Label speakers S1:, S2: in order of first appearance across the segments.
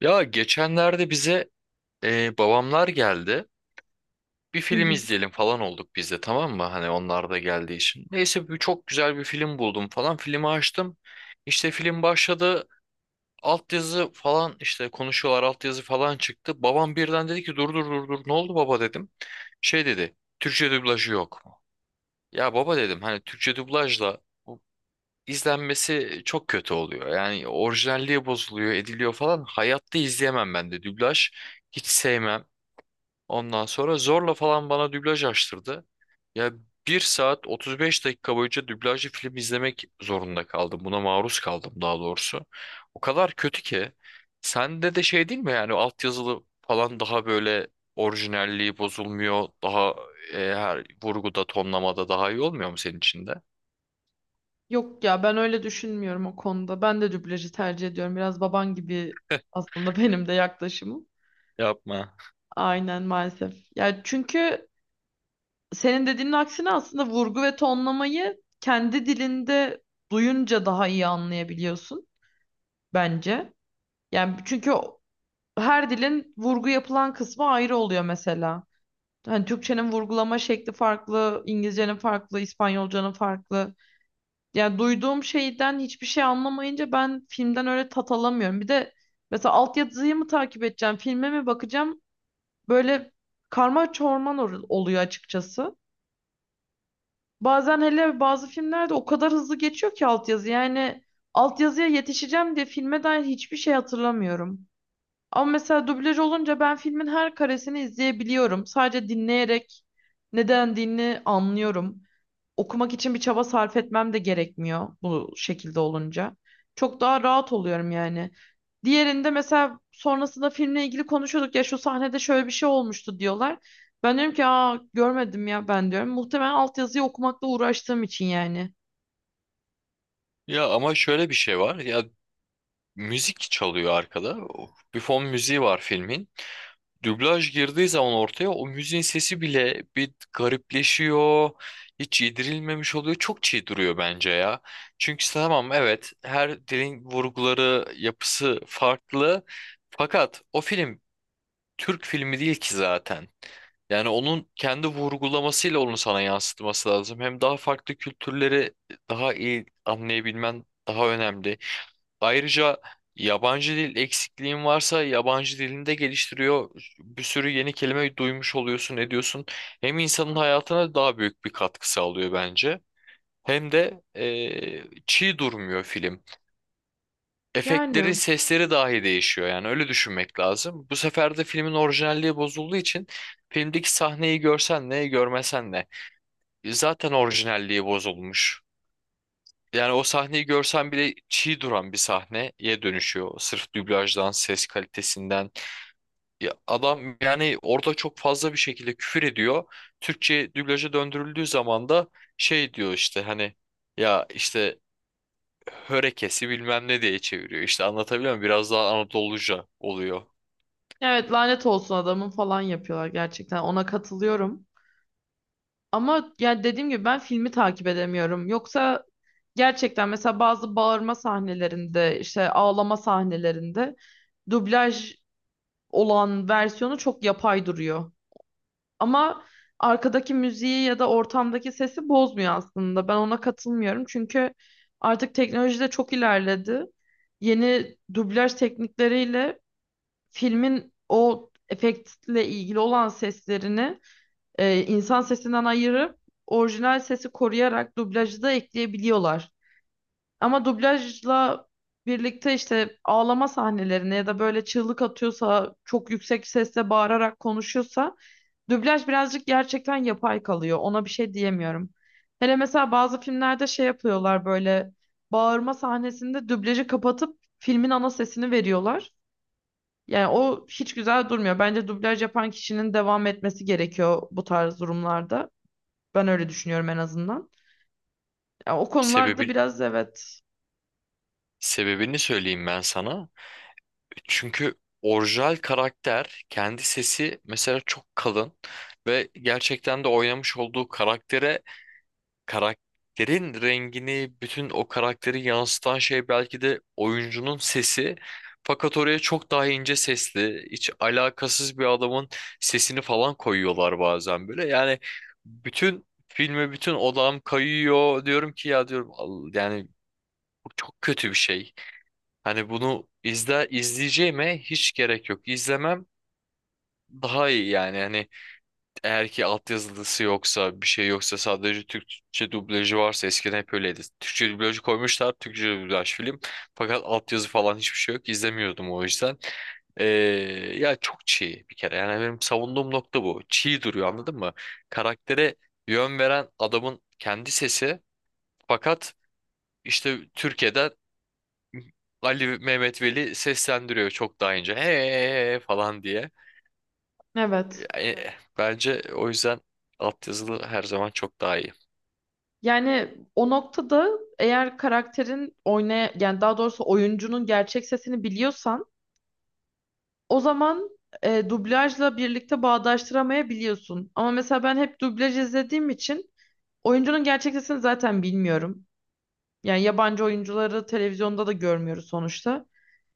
S1: Ya geçenlerde bize babamlar geldi. Bir
S2: Hı
S1: film
S2: hı.
S1: izleyelim falan olduk biz de, tamam mı? Hani onlar da geldiği için. Neyse çok güzel bir film buldum falan. Filmi açtım. İşte film başladı. Altyazı falan, işte konuşuyorlar, altyazı falan çıktı. Babam birden dedi ki, "Dur dur dur dur." "Ne oldu baba?" dedim. Şey dedi, "Türkçe dublajı yok mu?" "Ya baba," dedim, "hani Türkçe dublajla izlenmesi çok kötü oluyor. Yani orijinalliği bozuluyor, ediliyor falan. Hayatta izleyemem ben de dublaj. Hiç sevmem." Ondan sonra zorla falan bana dublaj açtırdı. Ya, bir saat 35 dakika boyunca dublajlı film izlemek zorunda kaldım. Buna maruz kaldım daha doğrusu. O kadar kötü ki. Sende de şey değil mi yani? Altyazılı falan daha böyle, orijinalliği bozulmuyor. Daha her vurguda, tonlamada daha iyi olmuyor mu senin için de?
S2: Yok ya ben öyle düşünmüyorum o konuda. Ben de dublajı tercih ediyorum. Biraz baban gibi aslında benim de yaklaşımım.
S1: Yapma.
S2: Aynen maalesef. Ya çünkü senin dediğinin aksine aslında vurgu ve tonlamayı kendi dilinde duyunca daha iyi anlayabiliyorsun bence. Yani çünkü her dilin vurgu yapılan kısmı ayrı oluyor mesela. Hani Türkçenin vurgulama şekli farklı, İngilizcenin farklı, İspanyolcanın farklı. Yani duyduğum şeyden hiçbir şey anlamayınca ben filmden öyle tat alamıyorum. Bir de mesela altyazıyı mı takip edeceğim, filme mi bakacağım? Böyle karma çorman oluyor açıkçası. Bazen hele bazı filmlerde o kadar hızlı geçiyor ki altyazı. Yani altyazıya yetişeceğim diye filme dair hiçbir şey hatırlamıyorum. Ama mesela dublaj olunca ben filmin her karesini izleyebiliyorum. Sadece dinleyerek ne dendiğini anlıyorum. Okumak için bir çaba sarf etmem de gerekmiyor bu şekilde olunca. Çok daha rahat oluyorum yani. Diğerinde mesela sonrasında filmle ilgili konuşuyorduk ya şu sahnede şöyle bir şey olmuştu diyorlar. Ben diyorum ki aa görmedim ya ben diyorum. Muhtemelen altyazıyı okumakla uğraştığım için yani.
S1: Ya ama şöyle bir şey var. Ya, müzik çalıyor arkada. Bir fon müziği var filmin. Dublaj girdiği zaman ortaya, o müziğin sesi bile bir garipleşiyor. Hiç yedirilmemiş oluyor. Çok çiğ duruyor bence ya. Çünkü işte, tamam, evet, her dilin vurguları, yapısı farklı. Fakat o film Türk filmi değil ki zaten. Yani onun kendi vurgulamasıyla onu sana yansıtması lazım. Hem daha farklı kültürleri daha iyi anlayabilmen daha önemli. Ayrıca yabancı dil eksikliğin varsa, yabancı dilini de geliştiriyor. Bir sürü yeni kelime duymuş oluyorsun, ediyorsun. Hem insanın hayatına daha büyük bir katkı sağlıyor bence. Hem de çiğ durmuyor film. Efektlerin
S2: Yani
S1: sesleri dahi değişiyor, yani öyle düşünmek lazım. Bu sefer de filmin orijinalliği bozulduğu için, filmdeki sahneyi görsen ne, görmesen ne, zaten orijinalliği bozulmuş. Yani o sahneyi görsen bile çiğ duran bir sahneye dönüşüyor. Sırf dublajdan, ses kalitesinden. Ya adam yani orada çok fazla bir şekilde küfür ediyor. Türkçe dublaja döndürüldüğü zaman da şey diyor işte, hani ya işte, hörekesi bilmem ne diye çeviriyor. İşte, anlatabiliyor muyum? Biraz daha Anadoluca oluyor.
S2: evet, lanet olsun adamın falan yapıyorlar, gerçekten ona katılıyorum. Ama yani dediğim gibi ben filmi takip edemiyorum. Yoksa gerçekten mesela bazı bağırma sahnelerinde, işte ağlama sahnelerinde dublaj olan versiyonu çok yapay duruyor. Ama arkadaki müziği ya da ortamdaki sesi bozmuyor aslında. Ben ona katılmıyorum. Çünkü artık teknoloji de çok ilerledi. Yeni dublaj teknikleriyle filmin o efektle ilgili olan seslerini insan sesinden ayırıp orijinal sesi koruyarak dublajı da ekleyebiliyorlar. Ama dublajla birlikte işte ağlama sahnelerine ya da böyle çığlık atıyorsa, çok yüksek sesle bağırarak konuşuyorsa dublaj birazcık gerçekten yapay kalıyor. Ona bir şey diyemiyorum. Hele mesela bazı filmlerde şey yapıyorlar böyle bağırma sahnesinde dublajı kapatıp filmin ana sesini veriyorlar. Yani o hiç güzel durmuyor. Bence dublaj yapan kişinin devam etmesi gerekiyor bu tarz durumlarda. Ben öyle düşünüyorum en azından. Ya, o konularda
S1: Sebebi,
S2: biraz evet.
S1: sebebini söyleyeyim ben sana. Çünkü orijinal karakter, kendi sesi mesela çok kalın ve gerçekten de oynamış olduğu karaktere, karakterin rengini, bütün o karakteri yansıtan şey belki de oyuncunun sesi. Fakat oraya çok daha ince sesli, hiç alakasız bir adamın sesini falan koyuyorlar bazen böyle. Yani bütün filme, bütün odağım kayıyor, diyorum ki, ya diyorum, yani bu çok kötü bir şey. Hani bunu izleyeceğime hiç gerek yok. İzlemem daha iyi yani." Hani eğer ki altyazılısı yoksa, bir şey yoksa, sadece Türkçe dublajı varsa, eskiden hep öyleydi. Türkçe dublajı koymuşlar, Türkçe dublaj film. Fakat altyazı falan hiçbir şey yok. İzlemiyordum o yüzden. Ee, ya çok çiğ bir kere. Yani benim savunduğum nokta bu. Çiğ duruyor, anladın mı? Karaktere yön veren adamın kendi sesi. Fakat işte Türkiye'den Ali Mehmet Veli seslendiriyor çok daha ince, "Hey" falan diye.
S2: Evet.
S1: E, bence o yüzden altyazılı her zaman çok daha iyi.
S2: Yani o noktada eğer karakterin oynaya yani daha doğrusu oyuncunun gerçek sesini biliyorsan o zaman dublajla birlikte bağdaştıramayabiliyorsun. Ama mesela ben hep dublaj izlediğim için oyuncunun gerçek sesini zaten bilmiyorum. Yani yabancı oyuncuları televizyonda da görmüyoruz sonuçta.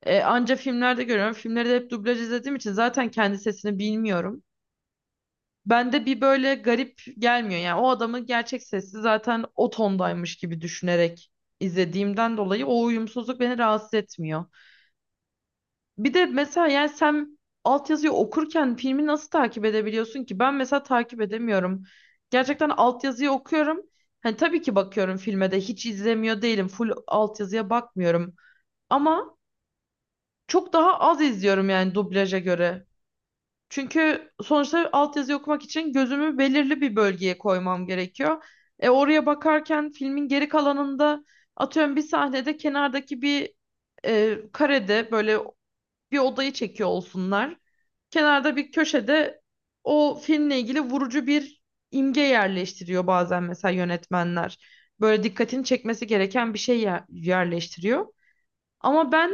S2: E, anca filmlerde görüyorum. Filmleri de hep dublaj izlediğim için zaten kendi sesini bilmiyorum. Bende bir böyle garip gelmiyor. Yani o adamın gerçek sesi zaten o tondaymış gibi düşünerek izlediğimden dolayı o uyumsuzluk beni rahatsız etmiyor. Bir de mesela yani sen altyazıyı okurken filmi nasıl takip edebiliyorsun ki? Ben mesela takip edemiyorum. Gerçekten altyazıyı okuyorum. Hani tabii ki bakıyorum filme de, hiç izlemiyor değilim. Full altyazıya bakmıyorum. Ama çok daha az izliyorum yani dublaja göre. Çünkü sonuçta altyazı okumak için gözümü belirli bir bölgeye koymam gerekiyor. E, oraya bakarken filmin geri kalanında atıyorum bir sahnede kenardaki bir karede böyle bir odayı çekiyor olsunlar. Kenarda bir köşede o filmle ilgili vurucu bir imge yerleştiriyor bazen mesela yönetmenler. Böyle dikkatini çekmesi gereken bir şey yerleştiriyor. Ama ben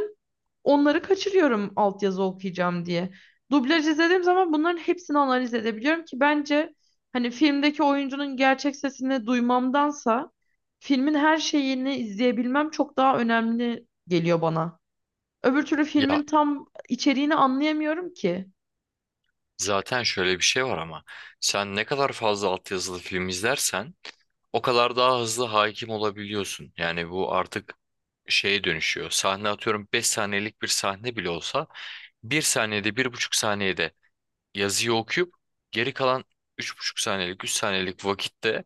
S2: onları kaçırıyorum altyazı okuyacağım diye. Dublaj izlediğim zaman bunların hepsini analiz edebiliyorum ki bence hani filmdeki oyuncunun gerçek sesini duymamdansa filmin her şeyini izleyebilmem çok daha önemli geliyor bana. Öbür türlü filmin
S1: Ya
S2: tam içeriğini anlayamıyorum ki.
S1: zaten şöyle bir şey var, ama sen ne kadar fazla altyazılı film izlersen o kadar daha hızlı hakim olabiliyorsun. Yani bu artık şeye dönüşüyor. Sahne, atıyorum, 5 saniyelik bir sahne bile olsa, 1 saniyede, 1,5 saniyede yazıyı okuyup, geri kalan 3,5 saniyelik, 3 saniyelik vakitte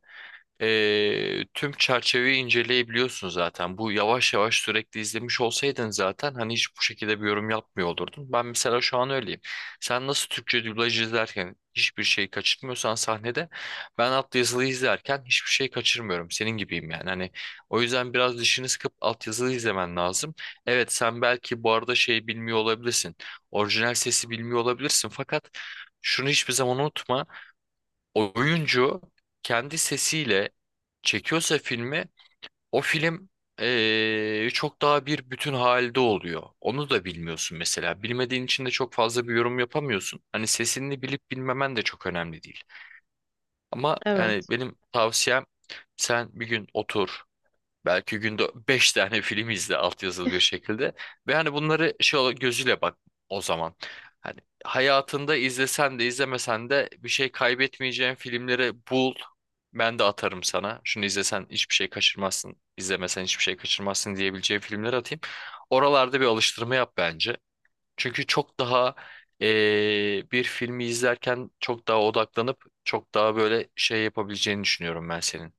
S1: tüm çerçeveyi inceleyebiliyorsun zaten. Bu, yavaş yavaş sürekli izlemiş olsaydın zaten, hani hiç bu şekilde bir yorum yapmıyor olurdun. Ben mesela şu an öyleyim. Sen nasıl Türkçe dublaj izlerken hiçbir şey kaçırmıyorsan sahnede, ben altyazılı izlerken hiçbir şey kaçırmıyorum. Senin gibiyim yani. Hani o yüzden biraz dişini sıkıp altyazılı izlemen lazım. Evet, sen belki bu arada şey bilmiyor olabilirsin. Orijinal sesi bilmiyor olabilirsin, fakat şunu hiçbir zaman unutma: oyuncu kendi sesiyle çekiyorsa filmi, o film çok daha bir bütün halde oluyor. Onu da bilmiyorsun mesela. Bilmediğin için de çok fazla bir yorum yapamıyorsun. Hani sesini bilip bilmemen de çok önemli değil. Ama yani
S2: Evet.
S1: benim tavsiyem, sen bir gün otur. Belki günde 5 tane film izle altyazılı bir şekilde. Ve hani bunları gözüyle bak o zaman. Hani hayatında izlesen de izlemesen de bir şey kaybetmeyeceğin filmleri bul. Ben de atarım sana. Şunu izlesen hiçbir şey kaçırmazsın, izlemesen hiçbir şey kaçırmazsın diyebileceğim filmler atayım. Oralarda bir alıştırma yap bence. Çünkü çok daha bir filmi izlerken çok daha odaklanıp çok daha böyle şey yapabileceğini düşünüyorum ben senin.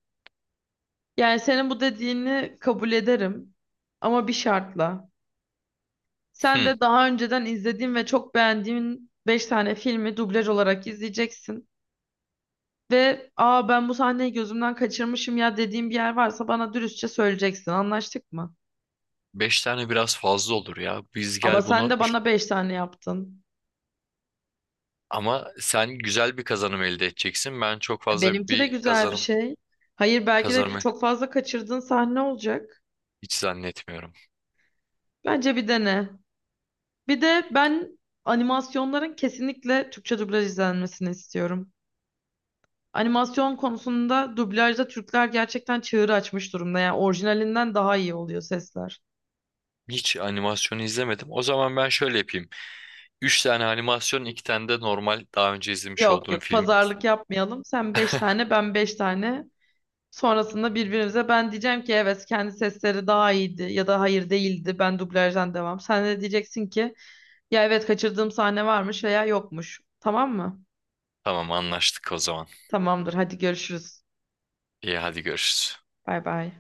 S2: Yani senin bu dediğini kabul ederim ama bir şartla. Sen de daha önceden izlediğin ve çok beğendiğin 5 tane filmi dublaj olarak izleyeceksin. Ve aa ben bu sahneyi gözümden kaçırmışım ya dediğim bir yer varsa bana dürüstçe söyleyeceksin. Anlaştık mı?
S1: Beş tane biraz fazla olur ya. Biz
S2: Ama
S1: gel
S2: sen
S1: bunu
S2: de
S1: üç-
S2: bana beş tane yaptın.
S1: Ama sen güzel bir kazanım elde edeceksin. Ben çok
S2: E,
S1: fazla
S2: benimki de
S1: bir
S2: güzel bir
S1: kazanım
S2: şey. Hayır, belki de
S1: kazanımı
S2: çok fazla kaçırdığın sahne olacak.
S1: hiç zannetmiyorum.
S2: Bence bir dene. Bir de ben animasyonların kesinlikle Türkçe dublaj izlenmesini istiyorum. Animasyon konusunda dublajda Türkler gerçekten çığır açmış durumda. Yani orijinalinden daha iyi oluyor sesler.
S1: Hiç animasyonu izlemedim. O zaman ben şöyle yapayım: 3 tane animasyon, 2 tane de normal, daha önce izlemiş
S2: Yok
S1: olduğum
S2: yok,
S1: filmi
S2: pazarlık
S1: izleyeyim.
S2: yapmayalım. Sen beş tane ben beş tane. Sonrasında birbirimize ben diyeceğim ki evet kendi sesleri daha iyiydi ya da hayır değildi ben dublajdan devam. Sen de diyeceksin ki ya evet kaçırdığım sahne varmış veya yokmuş. Tamam mı?
S1: Tamam, anlaştık o zaman.
S2: Tamamdır, hadi görüşürüz.
S1: İyi, hadi görüşürüz.
S2: Bay bay.